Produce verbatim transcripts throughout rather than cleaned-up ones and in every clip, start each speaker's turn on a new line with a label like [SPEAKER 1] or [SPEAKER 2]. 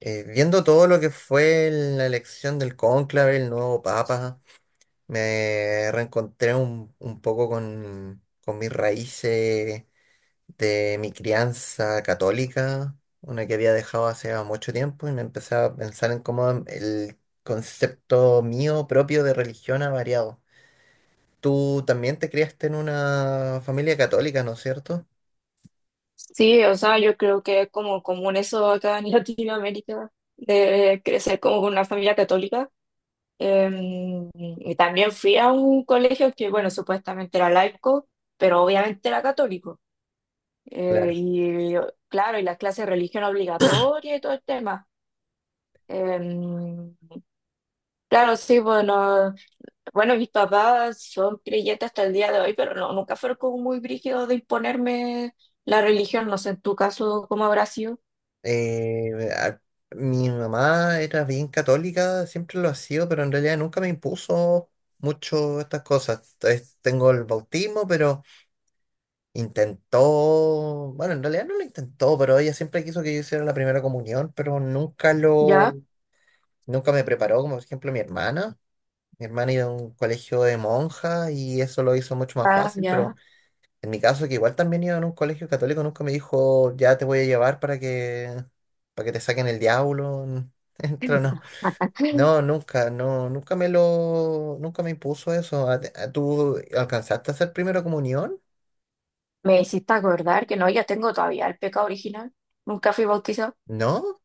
[SPEAKER 1] eh, Viendo todo lo que fue la elección del cónclave, el nuevo papa, me reencontré un, un poco con, con mis raíces de mi crianza católica, una que había dejado hace mucho tiempo, y me empecé a pensar en cómo el concepto mío propio de religión ha variado. Tú también te criaste en una familia católica, ¿no es cierto?
[SPEAKER 2] Sí, o sea, yo creo que es como común eso acá en Latinoamérica, de crecer como con una familia católica. Em, y también fui a un colegio que, bueno, supuestamente era laico, pero obviamente era católico. Eh,
[SPEAKER 1] Claro.
[SPEAKER 2] y claro, y las clases de religión obligatoria y todo el tema. Em, claro, sí, bueno, bueno, mis papás son creyentes hasta el día de hoy, pero no, nunca fueron como muy brígidos de imponerme la religión. No sé, en tu caso, ¿cómo habrá sido?
[SPEAKER 1] Eh, a- Mi mamá era bien católica, siempre lo ha sido, pero en realidad nunca me impuso mucho estas cosas. Es- tengo el bautismo, pero intentó, bueno, en realidad no lo intentó, pero ella siempre quiso que yo hiciera la primera comunión, pero nunca lo,
[SPEAKER 2] ¿Ya?
[SPEAKER 1] nunca me preparó, como por ejemplo mi hermana. Mi hermana iba a un colegio de monjas y eso lo hizo mucho más
[SPEAKER 2] Ah,
[SPEAKER 1] fácil, pero
[SPEAKER 2] ya.
[SPEAKER 1] en mi caso, que igual también iba en un colegio católico, nunca me dijo, ya te voy a llevar para que, para que te saquen el diablo. Entra, no. No, nunca, no, nunca me lo, nunca me impuso eso. ¿A- a- ¿Tú alcanzaste a hacer primera comunión?
[SPEAKER 2] Me hiciste acordar que no, yo tengo todavía el pecado original. Nunca fui bautizado.
[SPEAKER 1] ¿No?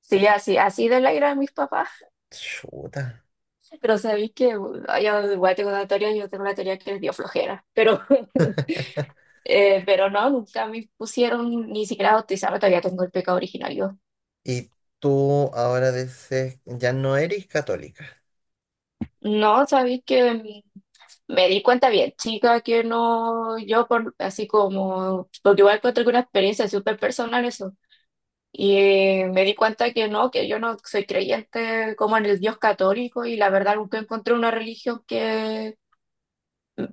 [SPEAKER 2] Sí, así, así de la ira de mis papás.
[SPEAKER 1] Chuta.
[SPEAKER 2] Pero sabéis que bueno, yo igual tengo una teoría, yo tengo la teoría que les dio flojera. Pero, eh, pero no, nunca me pusieron ni siquiera a bautizarme, todavía tengo el pecado original yo.
[SPEAKER 1] Y tú ahora dices, ya no eres católica.
[SPEAKER 2] No, sabéis que mm, me di cuenta bien, chica, que no, yo por así como, porque igual encuentro que una experiencia súper personal eso. Y me di cuenta que no, que yo no soy creyente como en el Dios católico y la verdad nunca encontré una religión que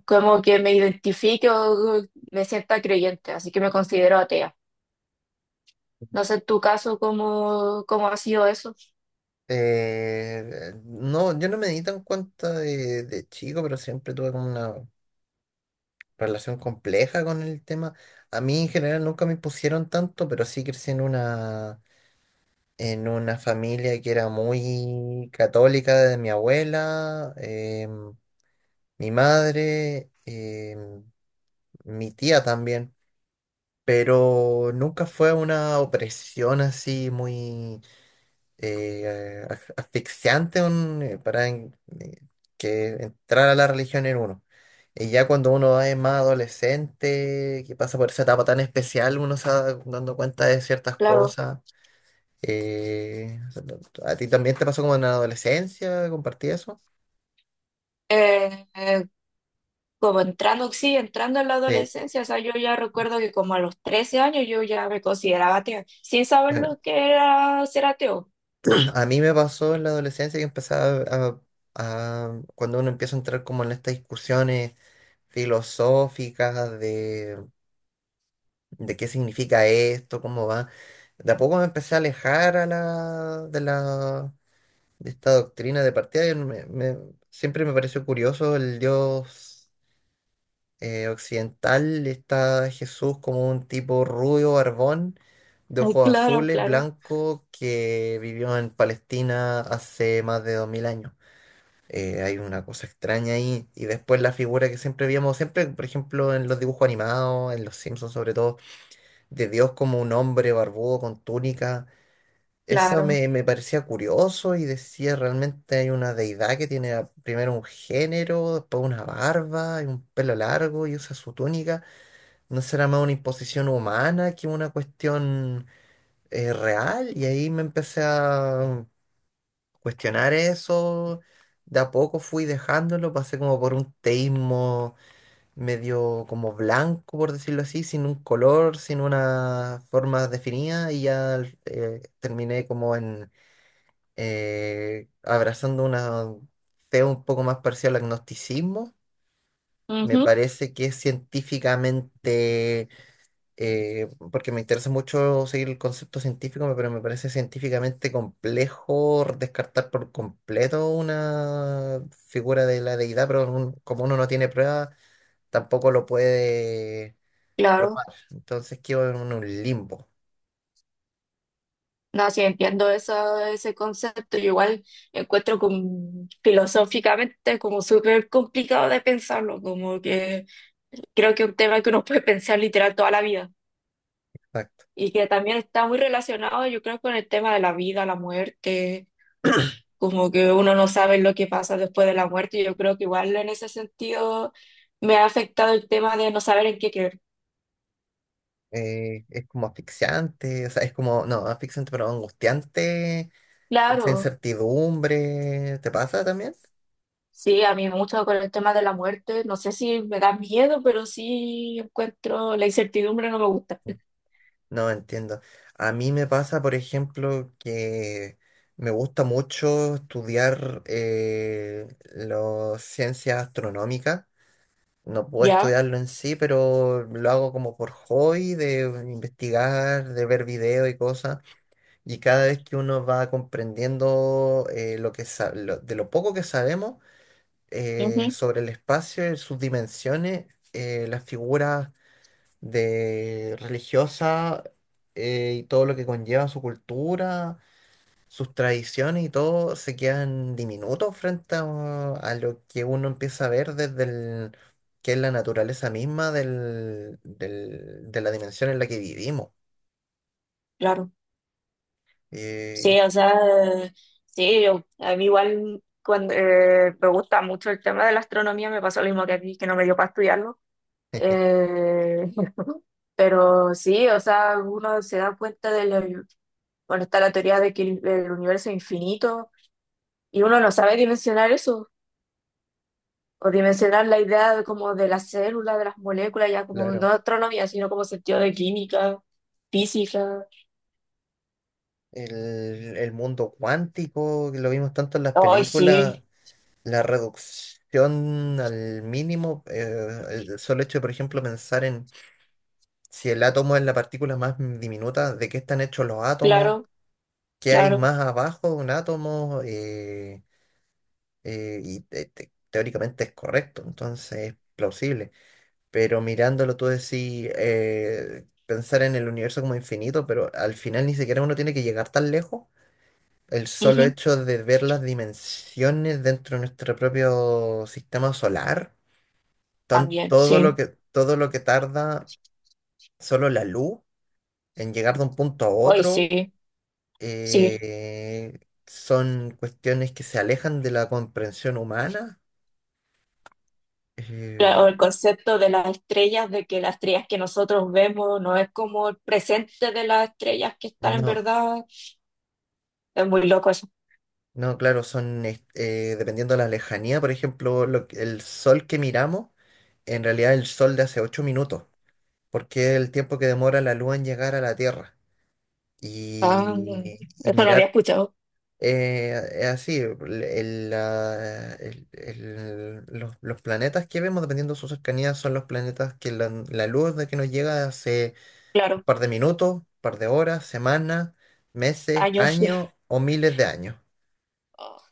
[SPEAKER 2] como que me identifique o me sienta creyente, así que me considero atea. No sé en tu caso cómo, cómo ha sido eso.
[SPEAKER 1] Eh, no, yo no me di tan cuenta de, de chico, pero siempre tuve como una relación compleja con el tema. A mí en general nunca me impusieron tanto, pero sí crecí en una, en una familia que era muy católica de mi abuela, em, mi madre, em, mi tía también, pero nunca fue una opresión así muy... eh, as- asfixiante un- eh, para en- eh, que entrar a la religión en uno. Y ya cuando uno es más adolescente, que pasa por esa etapa tan especial, uno se va dando cuenta de ciertas
[SPEAKER 2] Claro.
[SPEAKER 1] cosas. Eh, ¿A ti también te pasó como en la adolescencia? ¿Compartí eso?
[SPEAKER 2] Eh, eh, Como entrando, sí, entrando en la
[SPEAKER 1] Sí.
[SPEAKER 2] adolescencia, o sea, yo ya recuerdo que como a los trece años yo ya me consideraba atea, sin saber
[SPEAKER 1] Bueno,
[SPEAKER 2] lo que era ser ateo.
[SPEAKER 1] a mí me pasó en la adolescencia que empezaba a, a- cuando uno empieza a entrar como en estas discusiones filosóficas de qué significa esto, cómo va. De a poco me empecé a alejar a la, de la, de esta doctrina de partida. y me- me- siempre me pareció curioso el dios eh, occidental, está Jesús como un tipo rubio, barbón, de
[SPEAKER 2] Ay,
[SPEAKER 1] ojos
[SPEAKER 2] claro,
[SPEAKER 1] azules,
[SPEAKER 2] claro,
[SPEAKER 1] blanco, que vivió en Palestina hace más de dos mil años. Eh, hay una cosa extraña ahí. Y después la figura que siempre veíamos, siempre, por ejemplo, en los dibujos animados, en los Simpsons sobre todo de Dios como un hombre barbudo con túnica. Esa
[SPEAKER 2] claro.
[SPEAKER 1] me, me parecía curioso y decía, realmente hay una deidad que tiene a- primero un género, después una barba y un pelo largo y usa su túnica. ¿No será más una imposición humana que una cuestión eh, real? Y ahí me empecé a cuestionar eso. De a poco fui dejándolo, pasé como por un teísmo medio como blanco, por decirlo así, sin un color, sin una forma definida, y ya eh, terminé como en eh, abrazando una fe un poco más parcial al agnosticismo. Me
[SPEAKER 2] Ujú,
[SPEAKER 1] parece que es científicamente, eh, porque me interesa mucho seguir el concepto científico, pero me parece científicamente complejo descartar por completo una figura de la deidad, pero un- como uno no tiene pruebas, tampoco lo puede
[SPEAKER 2] claro.
[SPEAKER 1] probar. Entonces quedo en un limbo.
[SPEAKER 2] No, sí, entiendo eso, ese concepto. Yo igual encuentro como, filosóficamente como súper complicado de pensarlo, como que creo que es un tema que uno puede pensar literal toda la vida
[SPEAKER 1] Exacto.
[SPEAKER 2] y que también está muy relacionado, yo creo, con el tema de la vida, la muerte, como que uno no sabe lo que pasa después de la muerte. Yo creo que igual en ese sentido me ha afectado el tema de no saber en qué creer.
[SPEAKER 1] Eh, es como asfixiante, o sea, es como, no, asfixiante, pero angustiante, esa
[SPEAKER 2] Claro.
[SPEAKER 1] incertidumbre, ¿te pasa también?
[SPEAKER 2] Sí, a mí me gusta con el tema de la muerte. No sé si me da miedo, pero sí encuentro la incertidumbre, no me gusta.
[SPEAKER 1] No entiendo. A mí me pasa, por ejemplo, que me gusta mucho estudiar eh, las ciencias astronómicas. No puedo
[SPEAKER 2] Ya,
[SPEAKER 1] estudiarlo en sí, pero lo hago como por hobby, de investigar, de ver videos y cosas. Y cada vez que uno va comprendiendo eh, lo que sa- lo- de lo poco que sabemos eh,
[SPEAKER 2] ujú,
[SPEAKER 1] sobre el espacio, y sus dimensiones, eh, las figuras de religiosas eh, y todo lo que conlleva su cultura, sus tradiciones y todo, se quedan diminutos frente a, a lo que uno empieza a ver desde el, que es la naturaleza misma del, del- de la dimensión en la que vivimos.
[SPEAKER 2] claro. Sí,
[SPEAKER 1] Eh,
[SPEAKER 2] o sea, eh, sí, yo- a mí igual cuando, eh, me gusta mucho el tema de la astronomía, me pasó lo mismo que a ti, que no me dio para estudiarlo. Eh, pero sí, o sea, uno se da cuenta de, lo- bueno, está la teoría de que el el universo es infinito y uno no sabe dimensionar eso. O dimensionar la idea de, como de las células, de las moléculas, ya como no
[SPEAKER 1] claro.
[SPEAKER 2] astronomía, sino como sentido de química, física.
[SPEAKER 1] El, el mundo cuántico, que lo vimos tanto en las
[SPEAKER 2] Hoy
[SPEAKER 1] películas,
[SPEAKER 2] sí,
[SPEAKER 1] la reducción al mínimo, eh, el solo hecho de, por ejemplo, pensar en si el átomo es la partícula más diminuta, de qué están hechos los átomos,
[SPEAKER 2] claro,
[SPEAKER 1] qué hay
[SPEAKER 2] claro.
[SPEAKER 1] más abajo de un átomo, eh, eh, y te- te- teóricamente es correcto, entonces es plausible. Pero mirándolo tú decís, eh, pensar en el universo como infinito, pero al final ni siquiera uno tiene que llegar tan lejos. El solo
[SPEAKER 2] Ujú.
[SPEAKER 1] hecho de ver las dimensiones dentro de nuestro propio sistema solar, tan-
[SPEAKER 2] También,
[SPEAKER 1] todo lo
[SPEAKER 2] sí.
[SPEAKER 1] que, todo lo que tarda solo la luz en llegar de un punto a
[SPEAKER 2] Hoy
[SPEAKER 1] otro,
[SPEAKER 2] sí, sí.
[SPEAKER 1] eh, son cuestiones que se alejan de la comprensión humana. Eh,
[SPEAKER 2] Cla- o el concepto de las estrellas, de que las estrellas que nosotros vemos no es como el presente de las estrellas que están en
[SPEAKER 1] no,
[SPEAKER 2] verdad. Es muy loco eso.
[SPEAKER 1] no, claro, son, es- eh, dependiendo de la lejanía, por ejemplo, lo que- el sol que miramos, en realidad el sol de hace ocho minutos, porque es el tiempo que demora la luz en llegar a la Tierra.
[SPEAKER 2] Ah,
[SPEAKER 1] Y,
[SPEAKER 2] no,
[SPEAKER 1] y
[SPEAKER 2] eso no había
[SPEAKER 1] mirar.
[SPEAKER 2] escuchado,
[SPEAKER 1] Eh, es así, el- el, la- el- el- los, los planetas que vemos, dependiendo de su cercanía, son los planetas que la, la luz de que nos llega hace un
[SPEAKER 2] claro,
[SPEAKER 1] par de minutos, un par de horas, semanas, meses,
[SPEAKER 2] años.
[SPEAKER 1] años o miles de años.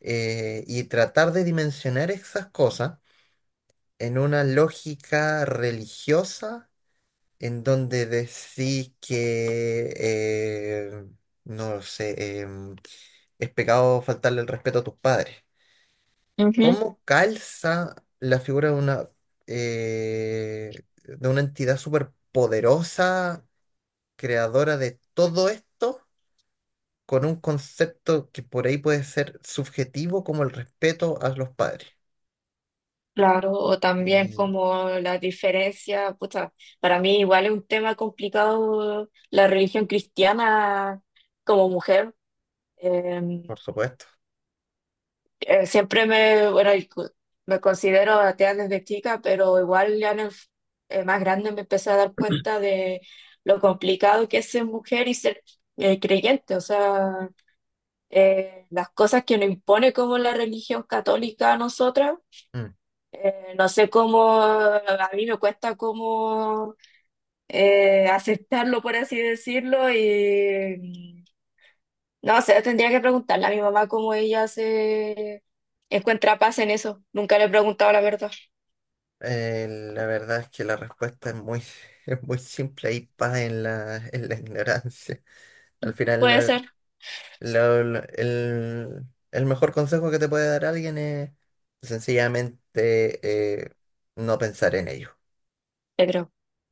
[SPEAKER 1] Eh, y tratar de dimensionar esas cosas en una lógica religiosa en donde decís que, eh, no lo sé, em, es pecado faltarle el respeto a tus padres.
[SPEAKER 2] Ujú.
[SPEAKER 1] ¿Cómo calza la figura de una, eh, de una entidad superpoderosa, creadora de todo esto, con un concepto que por ahí puede ser subjetivo como el respeto a los padres?
[SPEAKER 2] Claro, o también
[SPEAKER 1] Y,
[SPEAKER 2] como la diferencia, pucha, para mí igual es un tema complicado la religión cristiana como mujer. Eh,
[SPEAKER 1] por supuesto.
[SPEAKER 2] eh, Siempre me, bueno, y cu- me considero atea desde chica, pero igual ya en el f- eh, más grande me empecé a dar cuenta de lo complicado que es ser mujer y ser eh, creyente, o sea, eh, las cosas que nos impone como la religión católica a nosotras.
[SPEAKER 1] Mm.
[SPEAKER 2] Eh, no sé cómo, a mí me cuesta como eh, aceptarlo, por así decirlo, y mm, no sé, tendría que preguntarle a mi mamá cómo ella se encuentra paz en eso. Nunca le he preguntado la verdad.
[SPEAKER 1] Eh, la verdad es que la respuesta es muy, es muy simple y paz en la, en la ignorancia. Al
[SPEAKER 2] Puede
[SPEAKER 1] final,
[SPEAKER 2] ser,
[SPEAKER 1] Lo- lo- el, el mejor consejo que te puede dar alguien es sencillamente eh, no pensar en ello.
[SPEAKER 2] yo creo.